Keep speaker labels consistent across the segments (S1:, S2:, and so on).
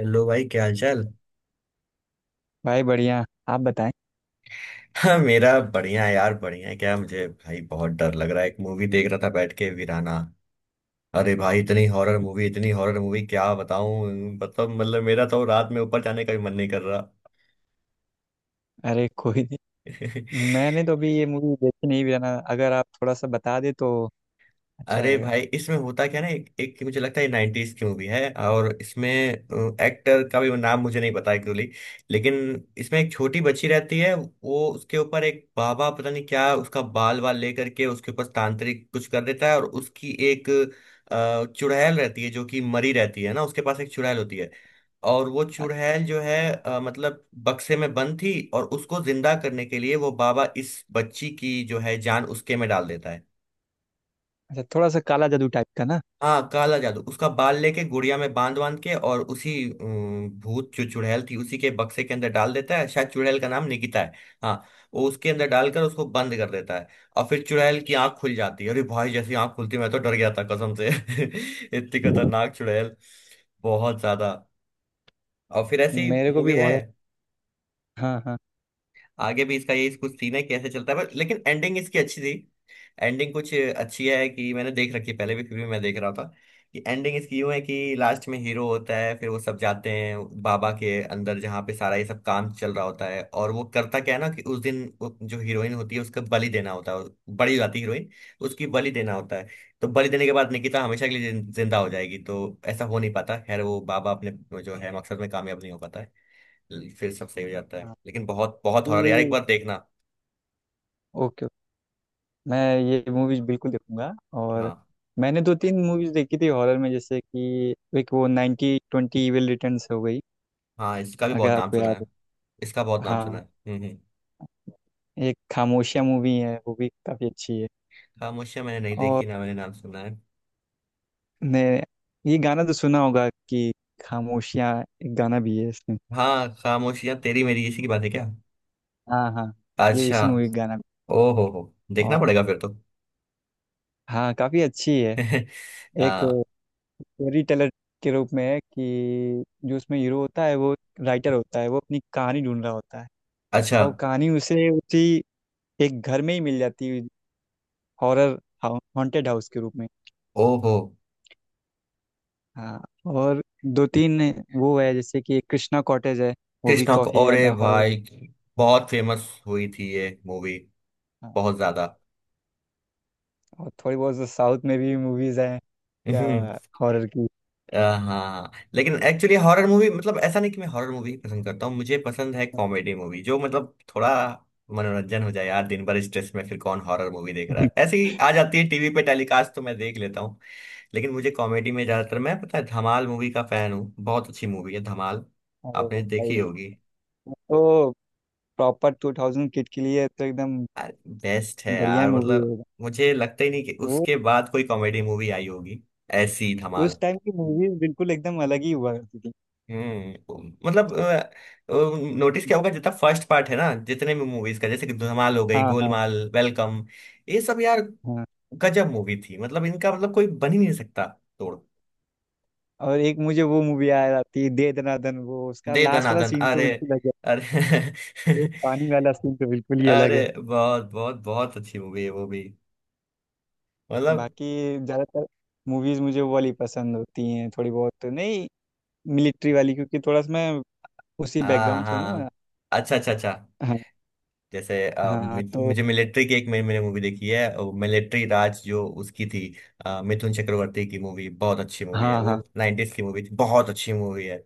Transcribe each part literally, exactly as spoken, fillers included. S1: Hello भाई, क्या हाल चाल।
S2: भाई बढ़िया। आप बताएं।
S1: हाँ, मेरा बढ़िया है यार, बढ़िया है। क्या मुझे भाई, बहुत डर लग रहा है, एक मूवी देख रहा था बैठ के, वीराना। अरे भाई, इतनी हॉरर मूवी इतनी हॉरर मूवी क्या बताऊं। मतलब मतलब मेरा तो रात में ऊपर जाने का भी मन नहीं कर रहा।
S2: अरे कोई नहीं। मैंने तो अभी ये मूवी देखी नहीं भी है ना, अगर आप थोड़ा सा बता दे तो अच्छा
S1: अरे
S2: रहेगा।
S1: भाई, इसमें होता क्या ना, एक, एक मुझे लगता है नाइनटीज की मूवी है, और इसमें एक्टर का भी नाम मुझे नहीं पता एक्चुअली। लेकिन इसमें एक छोटी बच्ची रहती है, वो उसके ऊपर एक बाबा पता नहीं क्या उसका बाल बाल लेकर के उसके ऊपर तांत्रिक कुछ कर देता है, और उसकी एक अ, चुड़ैल रहती है, जो कि मरी रहती है ना, उसके पास एक चुड़ैल होती है। और वो
S2: अ-
S1: चुड़ैल जो है, अ, मतलब बक्से में बंद थी, और उसको जिंदा करने के लिए वो बाबा इस बच्ची की जो है जान उसके में डाल देता है।
S2: अच्छा, थोड़ा सा काला जादू टाइप का ना।
S1: हाँ, काला जादू, उसका बाल लेके गुड़िया में बांध बांध के, और उसी अम, भूत जो चुड़ैल थी उसी के बक्से के अंदर डाल देता है। शायद चुड़ैल का नाम निकिता है। हाँ, वो उसके अंदर डालकर उसको बंद कर देता है। और फिर चुड़ैल की आंख खुल जाती है, अरे भाई जैसी आंख खुलती है, मैं तो डर गया था कसम से। इतनी खतरनाक चुड़ैल, बहुत ज्यादा। और फिर ऐसी
S2: मेरे को भी
S1: मूवी है,
S2: हॉरर। हाँ हाँ
S1: आगे भी इसका यही कुछ सीन है, कैसे चलता है, पर लेकिन एंडिंग इसकी अच्छी थी। एंडिंग कुछ अच्छी है कि मैंने देख रखी है पहले भी, फिर भी मैं देख रहा था। कि एंडिंग इसकी यूं है कि लास्ट में हीरो होता है, फिर वो सब जाते हैं बाबा के अंदर, जहाँ पे सारा ये सब काम चल रहा होता है, और वो करता क्या है ना कि उस दिन वो जो हीरोइन होती है उसका बलि देना होता है। बड़ी हो जाती है हीरोइन, उसकी बलि देना होता है। तो बलि देने के बाद निकिता हमेशा के लिए जिन- जिंदा हो जाएगी, तो ऐसा हो नहीं पाता। खैर वो बाबा अपने जो है मकसद में कामयाब नहीं हो पाता है, फिर सब सही हो जाता है।
S2: हाँ।
S1: लेकिन बहुत बहुत हॉरर यार, एक
S2: ये
S1: बार देखना।
S2: ओके ओके, मैं ये मूवीज बिल्कुल देखूंगा। और
S1: हाँ।
S2: मैंने दो तीन मूवीज देखी थी हॉरर में, जैसे कि एक वो नाइनटी ट्वेंटी इविल रिटर्न्स हो गई,
S1: हाँ, इसका भी
S2: अगर
S1: बहुत नाम
S2: आपको
S1: सुना
S2: याद
S1: है।
S2: हो।
S1: इसका बहुत नाम सुना
S2: हाँ।
S1: है। हम्म हम्म।
S2: एक खामोशिया मूवी है, वो भी काफ़ी अच्छी है।
S1: खामोशियां मैंने नहीं
S2: और
S1: देखी ना, मैंने नाम सुना है।
S2: ने ये गाना तो सुना होगा कि खामोशियाँ, एक गाना भी है इसमें।
S1: हाँ, खामोशियां तेरी मेरी इसी की बात है क्या।
S2: हाँ हाँ, ये
S1: अच्छा।
S2: उसी मूवी का गाना।
S1: ओ हो हो देखना
S2: और
S1: पड़ेगा फिर तो।
S2: हाँ, काफ़ी अच्छी है। एक
S1: हाँ।
S2: स्टोरी टेलर के रूप में है कि जो उसमें हीरो होता है वो राइटर होता है, वो अपनी कहानी ढूंढ रहा होता है।
S1: अच्छा।
S2: और कहानी उसे उसी एक घर में ही मिल जाती है, हॉरर हॉन्टेड हाउस के रूप में।
S1: ओ हो।
S2: हाँ। और दो तीन वो है जैसे कि एक कृष्णा कॉटेज है, वो भी
S1: कृष्णा को,
S2: काफ़ी
S1: अरे
S2: ज़्यादा हॉरर।
S1: भाई, बहुत फेमस हुई थी ये मूवी, बहुत ज्यादा।
S2: और थोड़ी बहुत तो साउथ में भी मूवीज हैं, क्या, हॉरर की।
S1: अ, हाँ, लेकिन एक्चुअली हॉरर मूवी, मतलब ऐसा नहीं कि मैं हॉरर मूवी पसंद करता हूँ, मुझे पसंद है कॉमेडी मूवी जो, मतलब थोड़ा मनोरंजन हो जाए यार। दिन भर स्ट्रेस में फिर कौन हॉरर मूवी देख रहा है, ऐसे ही आ जाती है टीवी पे टेलीकास्ट तो मैं देख लेता हूँ। लेकिन मुझे कॉमेडी में ज्यादातर, मैं पता है, धमाल मूवी का फैन हूँ, बहुत अच्छी मूवी है धमाल,
S2: अरे
S1: आपने देखी
S2: भाई,
S1: होगी।
S2: वो तो प्रॉपर टू थाउजेंड किड के लिए तो एकदम
S1: बेस्ट है
S2: बढ़िया
S1: यार,
S2: मूवी
S1: मतलब
S2: है।
S1: मुझे लगता ही नहीं कि
S2: वो
S1: उसके बाद कोई कॉमेडी मूवी आई होगी ऐसी, धमाल।
S2: उस टाइम की मूवीज बिल्कुल एकदम अलग ही हुआ करती थी।
S1: हम्म, मतलब नोटिस क्या होगा जितना फर्स्ट पार्ट है ना, जितने भी मूवीज का, जैसे कि धमाल हो गई,
S2: हाँ हाँ
S1: गोलमाल, वेलकम, ये सब यार,
S2: हाँ।
S1: गजब मूवी थी, मतलब इनका मतलब कोई बन ही नहीं सकता तोड़।
S2: और एक मुझे वो मूवी आ जाती है, दे दनादन, वो उसका
S1: दे
S2: लास्ट वाला
S1: दनादन,
S2: सीन तो
S1: अरे,
S2: बिल्कुल अलग है। वो
S1: अरे
S2: पानी वाला सीन तो बिल्कुल ही अलग
S1: अरे
S2: है।
S1: बहुत बहुत बहुत अच्छी मूवी है वो भी, मतलब।
S2: बाकी ज़्यादातर मूवीज मुझे वो वाली पसंद होती हैं, थोड़ी बहुत नहीं, मिलिट्री वाली, क्योंकि थोड़ा सा मैं उसी
S1: हाँ
S2: बैकग्राउंड से हूँ ना।
S1: हाँ। अच्छा अच्छा अच्छा।
S2: हाँ
S1: जैसे अ,
S2: हाँ,
S1: मि-
S2: तो
S1: मुझे मिलिट्री की एक मैंने मैंने मूवी देखी है। मिलिट्री राज जो उसकी थी, अ, मिथुन चक्रवर्ती की मूवी, बहुत अच्छी मूवी है
S2: हाँ
S1: वो,
S2: हाँ
S1: नाइंटीज की मूवी थी, बहुत अच्छी मूवी है।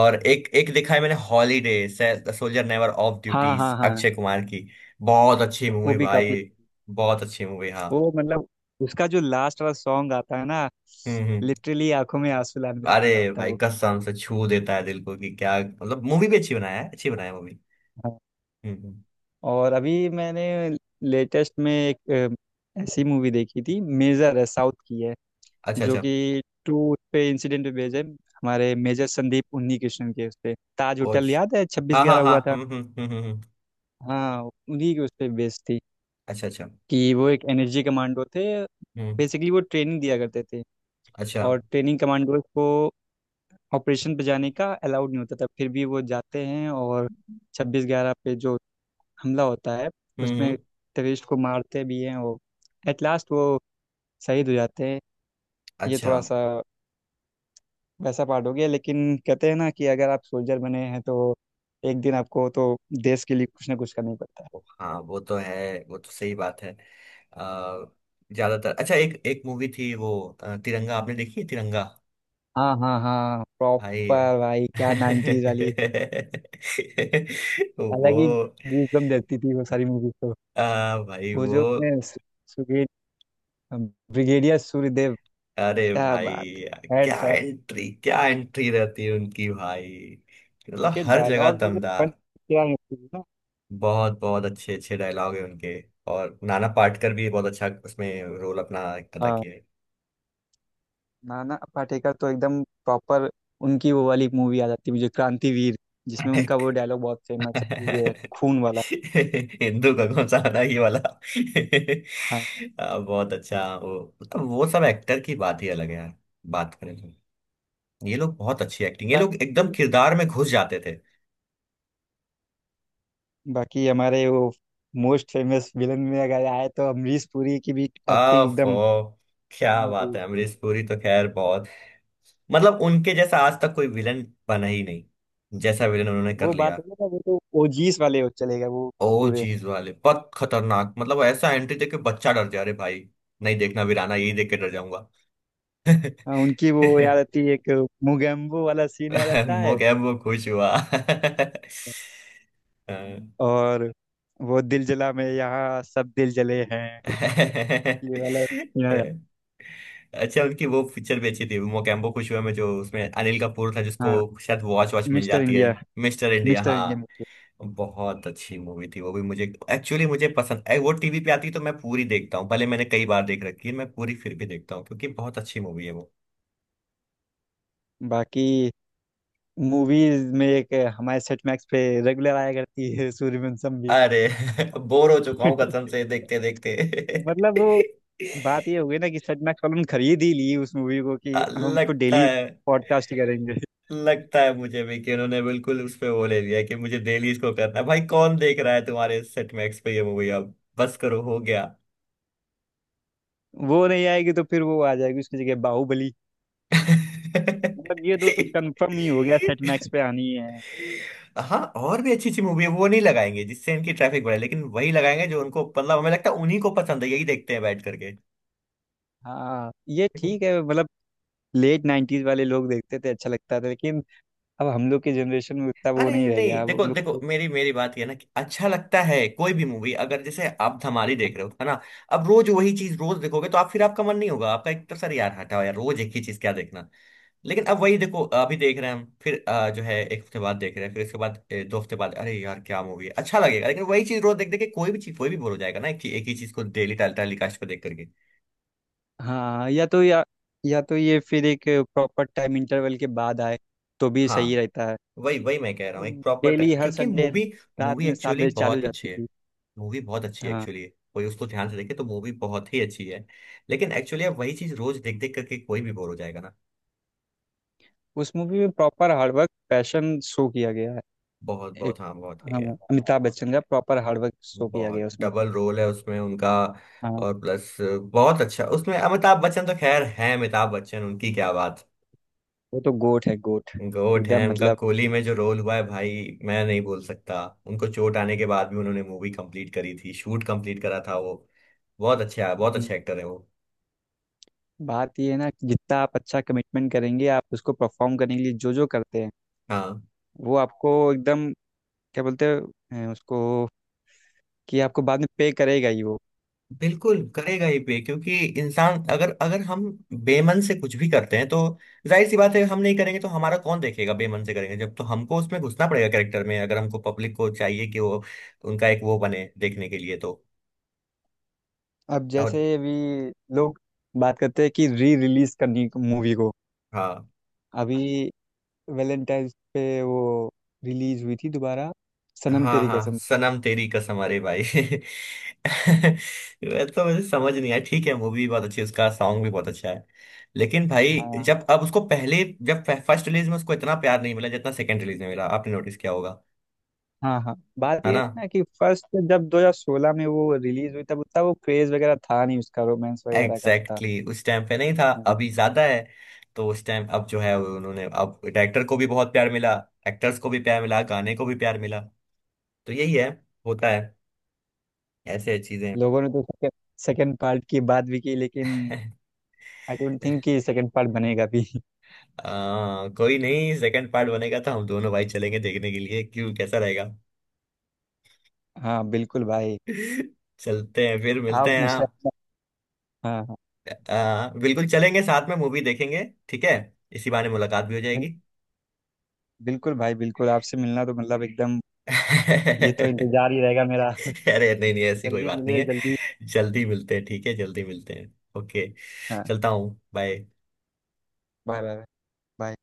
S1: और एक एक देखा है मैंने, holiday, soldier never off duty,
S2: हाँ हाँ हाँ।
S1: अक्षय कुमार की, बहुत अच्छी
S2: वो
S1: मूवी
S2: भी काफी।
S1: भाई, बहुत अच्छी मूवी, हाँ।
S2: वो मतलब उसका जो लास्ट वाला सॉन्ग आता है ना,
S1: हम्म हम्म।
S2: लिटरली आंखों में आंसू लाने वाला
S1: अरे
S2: होता है
S1: भाई,
S2: वो।
S1: कसम से छू देता है दिल को, कि क्या मतलब मूवी भी अच्छी बनाया है, अच्छी बनाया मूवी।
S2: हाँ।
S1: हम्म हम्म।
S2: और अभी मैंने लेटेस्ट में एक अ, ऐसी मूवी देखी थी, मेजर है, साउथ की है।
S1: अच्छा
S2: जो
S1: अच्छा।
S2: कि टू पे इंसिडेंट पे बेस्ड है, हमारे मेजर संदीप उन्हीं कृष्णन के उस पे, ताज
S1: कोच।
S2: होटल याद है छब्बीस
S1: हाँ हाँ
S2: ग्यारह
S1: हाँ,
S2: हुआ था।
S1: हम्म हम्म हम्म हम्म हम्म।
S2: हाँ, उन्हीं के उस पे बेस्ड थी।
S1: अच्छा अच्छा।
S2: कि वो एक एनर्जी कमांडो थे,
S1: हम्म।
S2: बेसिकली वो ट्रेनिंग दिया करते थे,
S1: अच्छा।
S2: और
S1: हम्म
S2: ट्रेनिंग कमांडोज को ऑपरेशन पे जाने का अलाउड नहीं होता था, फिर भी वो जाते हैं और छब्बीस ग्यारह पे जो हमला होता है उसमें
S1: हम्म।
S2: टेररिस्ट को मारते भी हैं। वो एट लास्ट वो शहीद हो जाते हैं। ये
S1: अच्छा।
S2: थोड़ा सा वैसा पार्ट हो गया, लेकिन कहते हैं ना कि अगर आप सोल्जर बने हैं तो एक दिन आपको तो देश के लिए कुछ ना कुछ करना ही पड़ता है।
S1: हाँ, वो तो है, वो तो सही बात है। अ, ज्यादातर अच्छा, एक एक मूवी थी वो, अ, तिरंगा आपने देखी है तिरंगा।
S2: हाँ हाँ हाँ,
S1: हाय।
S2: प्रॉपर भाई, क्या नाइनटीज वाली, अलग ही
S1: वो,
S2: गूजबम्प देती थी वो सारी मूवीज तो।
S1: आ, भाई
S2: वो
S1: वो,
S2: जो उसमें सु- सुगे, ब्रिगेडियर सूर्यदेव,
S1: अरे
S2: क्या बात
S1: भाई
S2: है,
S1: क्या
S2: हेड्स अप
S1: एंट्री, क्या एंट्री रहती है उनकी भाई, मतलब
S2: के
S1: हर जगह
S2: डायलॉग भी तो बन
S1: दमदार।
S2: क्या है ना।
S1: बहुत बहुत अच्छे अच्छे डायलॉग है उनके। और नाना पाटेकर भी बहुत अच्छा उसमें रोल अपना अदा
S2: हाँ।
S1: किया
S2: नाना पाटेकर तो एकदम प्रॉपर, उनकी वो वाली मूवी आ जाती है मुझे, क्रांतिवीर, जिसमें
S1: है।
S2: उनका वो डायलॉग बहुत फेमस है, ये खून वाला।
S1: हिंदू का कौन सा गाना, ये वाला।
S2: हाँ।
S1: आ, बहुत अच्छा वो, मतलब वो सब एक्टर की बात ही अलग है यार, बात करें तो। ये लोग बहुत अच्छी एक्टिंग, ये लोग
S2: बाकी
S1: एकदम किरदार में घुस जाते थे।
S2: बाकी हमारे वो मोस्ट फेमस विलन में अगर आए तो अमरीश पुरी की भी
S1: आ
S2: एक्टिंग
S1: फो,
S2: एकदम।
S1: क्या बात है, अमरीश पुरी तो खैर बहुत, मतलब उनके जैसा आज तक कोई विलन बना ही नहीं, जैसा विलन उन्होंने कर
S2: वो बात
S1: लिया।
S2: है ना, वो तो ओजीस वाले हो, चलेगा वो
S1: ओ
S2: पूरे।
S1: चीज वाले बहुत खतरनाक, मतलब ऐसा एंट्री देके बच्चा डर जा रहे भाई, नहीं देखना वीराना, यही देख के डर जाऊंगा।
S2: हाँ, उनकी वो याद आती है, एक मुगेम्बो वाला सीन याद आता
S1: वो
S2: है।
S1: क्या, वो खुश हुआ। हाँ।
S2: और वो दिल जला में, यहाँ सब दिल जले हैं, ये वाला। या, या,
S1: अच्छा, उनकी वो पिक्चर भी अच्छी थी, मोगैम्बो खुश हुआ में जो उसमें अनिल कपूर था, जिसको
S2: हाँ।
S1: शायद वॉच वॉच मिल
S2: मिस्टर
S1: जाती है।
S2: इंडिया,
S1: मिस्टर इंडिया,
S2: मिस्टर
S1: हाँ,
S2: इंडिया मूवी।
S1: बहुत अच्छी मूवी थी वो भी, मुझे एक्चुअली मुझे पसंद, ए, वो टीवी पे आती है तो मैं पूरी देखता हूँ, भले मैंने कई बार देख रखी है, मैं पूरी फिर भी देखता हूँ क्योंकि बहुत अच्छी मूवी है वो।
S2: बाकी मूवीज में एक हमारे सेट मैक्स पे रेगुलर आया करती है सूर्यवंशम भी।
S1: अरे बोर हो चुका हूँ कसम से देखते देखते।
S2: मतलब वो बात ये हो गई ना कि सेट मैक्स वालों ने खरीद ही ली उस मूवी को कि हम उसको
S1: लगता
S2: डेली
S1: है,
S2: पॉडकास्ट करेंगे।
S1: लगता है मुझे भी कि उन्होंने बिल्कुल उस पे वो ले लिया कि मुझे डेली इसको करना है, भाई कौन देख रहा है तुम्हारे सेट मैक्स पे ये मूवी अब, बस करो हो गया।
S2: वो नहीं आएगी तो फिर वो आ जाएगी उसकी जगह बाहुबली। मतलब ये दो तो कंफर्म ही हो गया सेट मैक्स पे आनी है।
S1: हाँ, और भी अच्छी अच्छी मूवी है, वो नहीं लगाएंगे जिससे इनकी ट्रैफिक बढ़े, लेकिन वही लगाएंगे जो उनको, मतलब हमें लगता है, उन्हीं को पसंद है, यही देखते हैं बैठ करके।
S2: हाँ ये ठीक है, मतलब लेट नाइन्टीज वाले लोग देखते थे, अच्छा लगता था, लेकिन अब हम लोग की जनरेशन में उतना वो
S1: अरे
S2: नहीं
S1: नहीं
S2: रह गया,
S1: नहीं,
S2: अब
S1: देखो
S2: हम लोग
S1: देखो,
S2: को।
S1: मेरी मेरी बात ये है ना कि अच्छा लगता है कोई भी मूवी, अगर जैसे आप धमाली
S2: तो
S1: देख रहे हो है ना, अब रोज वही चीज रोज देखोगे तो आप फिर आपका मन नहीं होगा, आपका एक तरह से यार, हटाओ यार रोज एक ही चीज क्या देखना। लेकिन अब वही देखो, अभी देख रहे हैं हम, फिर अ, जो है एक हफ्ते बाद देख रहे हैं, फिर उसके बाद ए, दो हफ्ते बाद, अरे यार क्या मूवी है अच्छा लगेगा, लेकिन वही चीज रोज देख देख के कोई भी चीज कोई भी बोर हो जाएगा ना, एक, ही- एक ही चीज को डेली टाल टाली कास्ट को देख करके।
S2: हाँ, या तो या या तो ये, फिर एक प्रॉपर टाइम इंटरवल के बाद आए तो भी सही
S1: हाँ,
S2: रहता है।
S1: वही वही मैं कह रहा हूँ, एक प्रॉपर
S2: डेली
S1: टाइम,
S2: हर
S1: क्योंकि
S2: संडे
S1: मूवी
S2: रात
S1: मूवी
S2: में सात
S1: एक्चुअली
S2: बजे चालू
S1: बहुत
S2: जाती
S1: अच्छी है,
S2: थी।
S1: मूवी बहुत अच्छी है
S2: हाँ।
S1: एक्चुअली, कोई उसको ध्यान से देखे तो मूवी बहुत ही अच्छी है, लेकिन एक्चुअली अब वही चीज रोज देख देख करके कोई भी बोर हो जाएगा ना।
S2: उस मूवी में प्रॉपर हार्डवर्क, पैशन शो किया गया है।
S1: बहुत
S2: एक,
S1: बहुत, हाँ, बहुत ही
S2: हाँ,
S1: है,
S2: अमिताभ बच्चन का प्रॉपर हार्डवर्क शो किया गया है
S1: बहुत।
S2: उसमें।
S1: डबल रोल है उसमें उनका,
S2: हाँ
S1: और प्लस बहुत अच्छा उसमें, अमिताभ बच्चन तो खैर है, अमिताभ बच्चन उनकी क्या बात।
S2: वो तो गोट है, गोट।
S1: गोट है,
S2: एकदम,
S1: उनका
S2: मतलब,
S1: कोहली में जो रोल हुआ है भाई, मैं नहीं बोल सकता, उनको चोट आने के बाद भी उन्होंने मूवी कंप्लीट करी थी, शूट कंप्लीट करा था वो, बहुत अच्छा, बहुत अच्छे एक्टर है वो।
S2: बात ये है ना कि जितना आप अच्छा कमिटमेंट करेंगे, आप उसको परफॉर्म करने के लिए जो जो करते हैं,
S1: हाँ,
S2: वो आपको एकदम, क्या बोलते हैं उसको, कि आपको बाद में पे करेगा ही वो।
S1: बिल्कुल करेगा ही पे, क्योंकि इंसान अगर अगर हम बेमन से कुछ भी करते हैं तो, जाहिर सी बात है, हम नहीं करेंगे तो हमारा कौन देखेगा, बेमन से करेंगे जब, तो हमको उसमें घुसना पड़ेगा कैरेक्टर में, अगर हमको पब्लिक को चाहिए कि वो उनका एक वो बने देखने के लिए तो।
S2: अब
S1: और
S2: जैसे अभी लोग बात करते हैं कि री रिलीज करनी मूवी को,
S1: हाँ
S2: अभी वैलेंटाइन पे वो रिलीज हुई थी दोबारा, सनम
S1: हाँ
S2: तेरी
S1: हाँ,
S2: कसम।
S1: सनम तेरी कसम, अरे भाई वैसे तो मुझे समझ नहीं आया, ठीक है मूवी बहुत अच्छी है, उसका सॉन्ग भी बहुत अच्छा है, लेकिन भाई
S2: हाँ
S1: जब अब उसको पहले, जब फर्स्ट रिलीज में उसको इतना प्यार नहीं मिला जितना सेकंड रिलीज में मिला, आपने नोटिस किया होगा,
S2: हाँ हाँ, बात
S1: है
S2: ये है
S1: ना।
S2: ना कि फर्स्ट जब दो हज़ार सोलह में वो रिलीज हुई तब उतना वो क्रेज वगैरह था नहीं उसका, रोमांस वगैरह का
S1: एग्जैक्टली exactly। उस टाइम पे नहीं था,
S2: था।
S1: अभी ज्यादा है, तो उस टाइम अब जो है उन्होंने, अब डायरेक्टर को भी बहुत प्यार मिला, एक्टर्स को भी प्यार मिला, गाने को भी प्यार मिला, तो यही है, होता है ऐसे चीजें।
S2: लोगों ने तो सेकंड सेकंड पार्ट की बात भी की, लेकिन आई डोंट थिंक कि सेकंड पार्ट बनेगा भी।
S1: आ, कोई नहीं, सेकंड पार्ट बनेगा तो हम दोनों भाई चलेंगे देखने के लिए, क्यों कैसा रहेगा।
S2: हाँ बिल्कुल भाई।
S1: चलते हैं, फिर मिलते
S2: आप
S1: हैं
S2: मुझे,
S1: आप।
S2: हाँ हाँ,
S1: आ, बिल्कुल चलेंगे, साथ में मूवी देखेंगे। ठीक है, इसी बहाने मुलाकात भी हो
S2: बिल-
S1: जाएगी।
S2: बिल्कुल भाई, बिल्कुल आपसे मिलना तो मतलब एकदम, ये तो
S1: अरे
S2: इंतजार ही रहेगा मेरा।
S1: नहीं नहीं, ऐसी कोई
S2: जल्दी
S1: बात नहीं
S2: मिले
S1: है।
S2: जल्दी।
S1: जल्दी मिलते हैं, ठीक है, जल्दी मिलते हैं, ओके।
S2: हाँ।
S1: चलता हूँ, बाय।
S2: Bye bye, bye.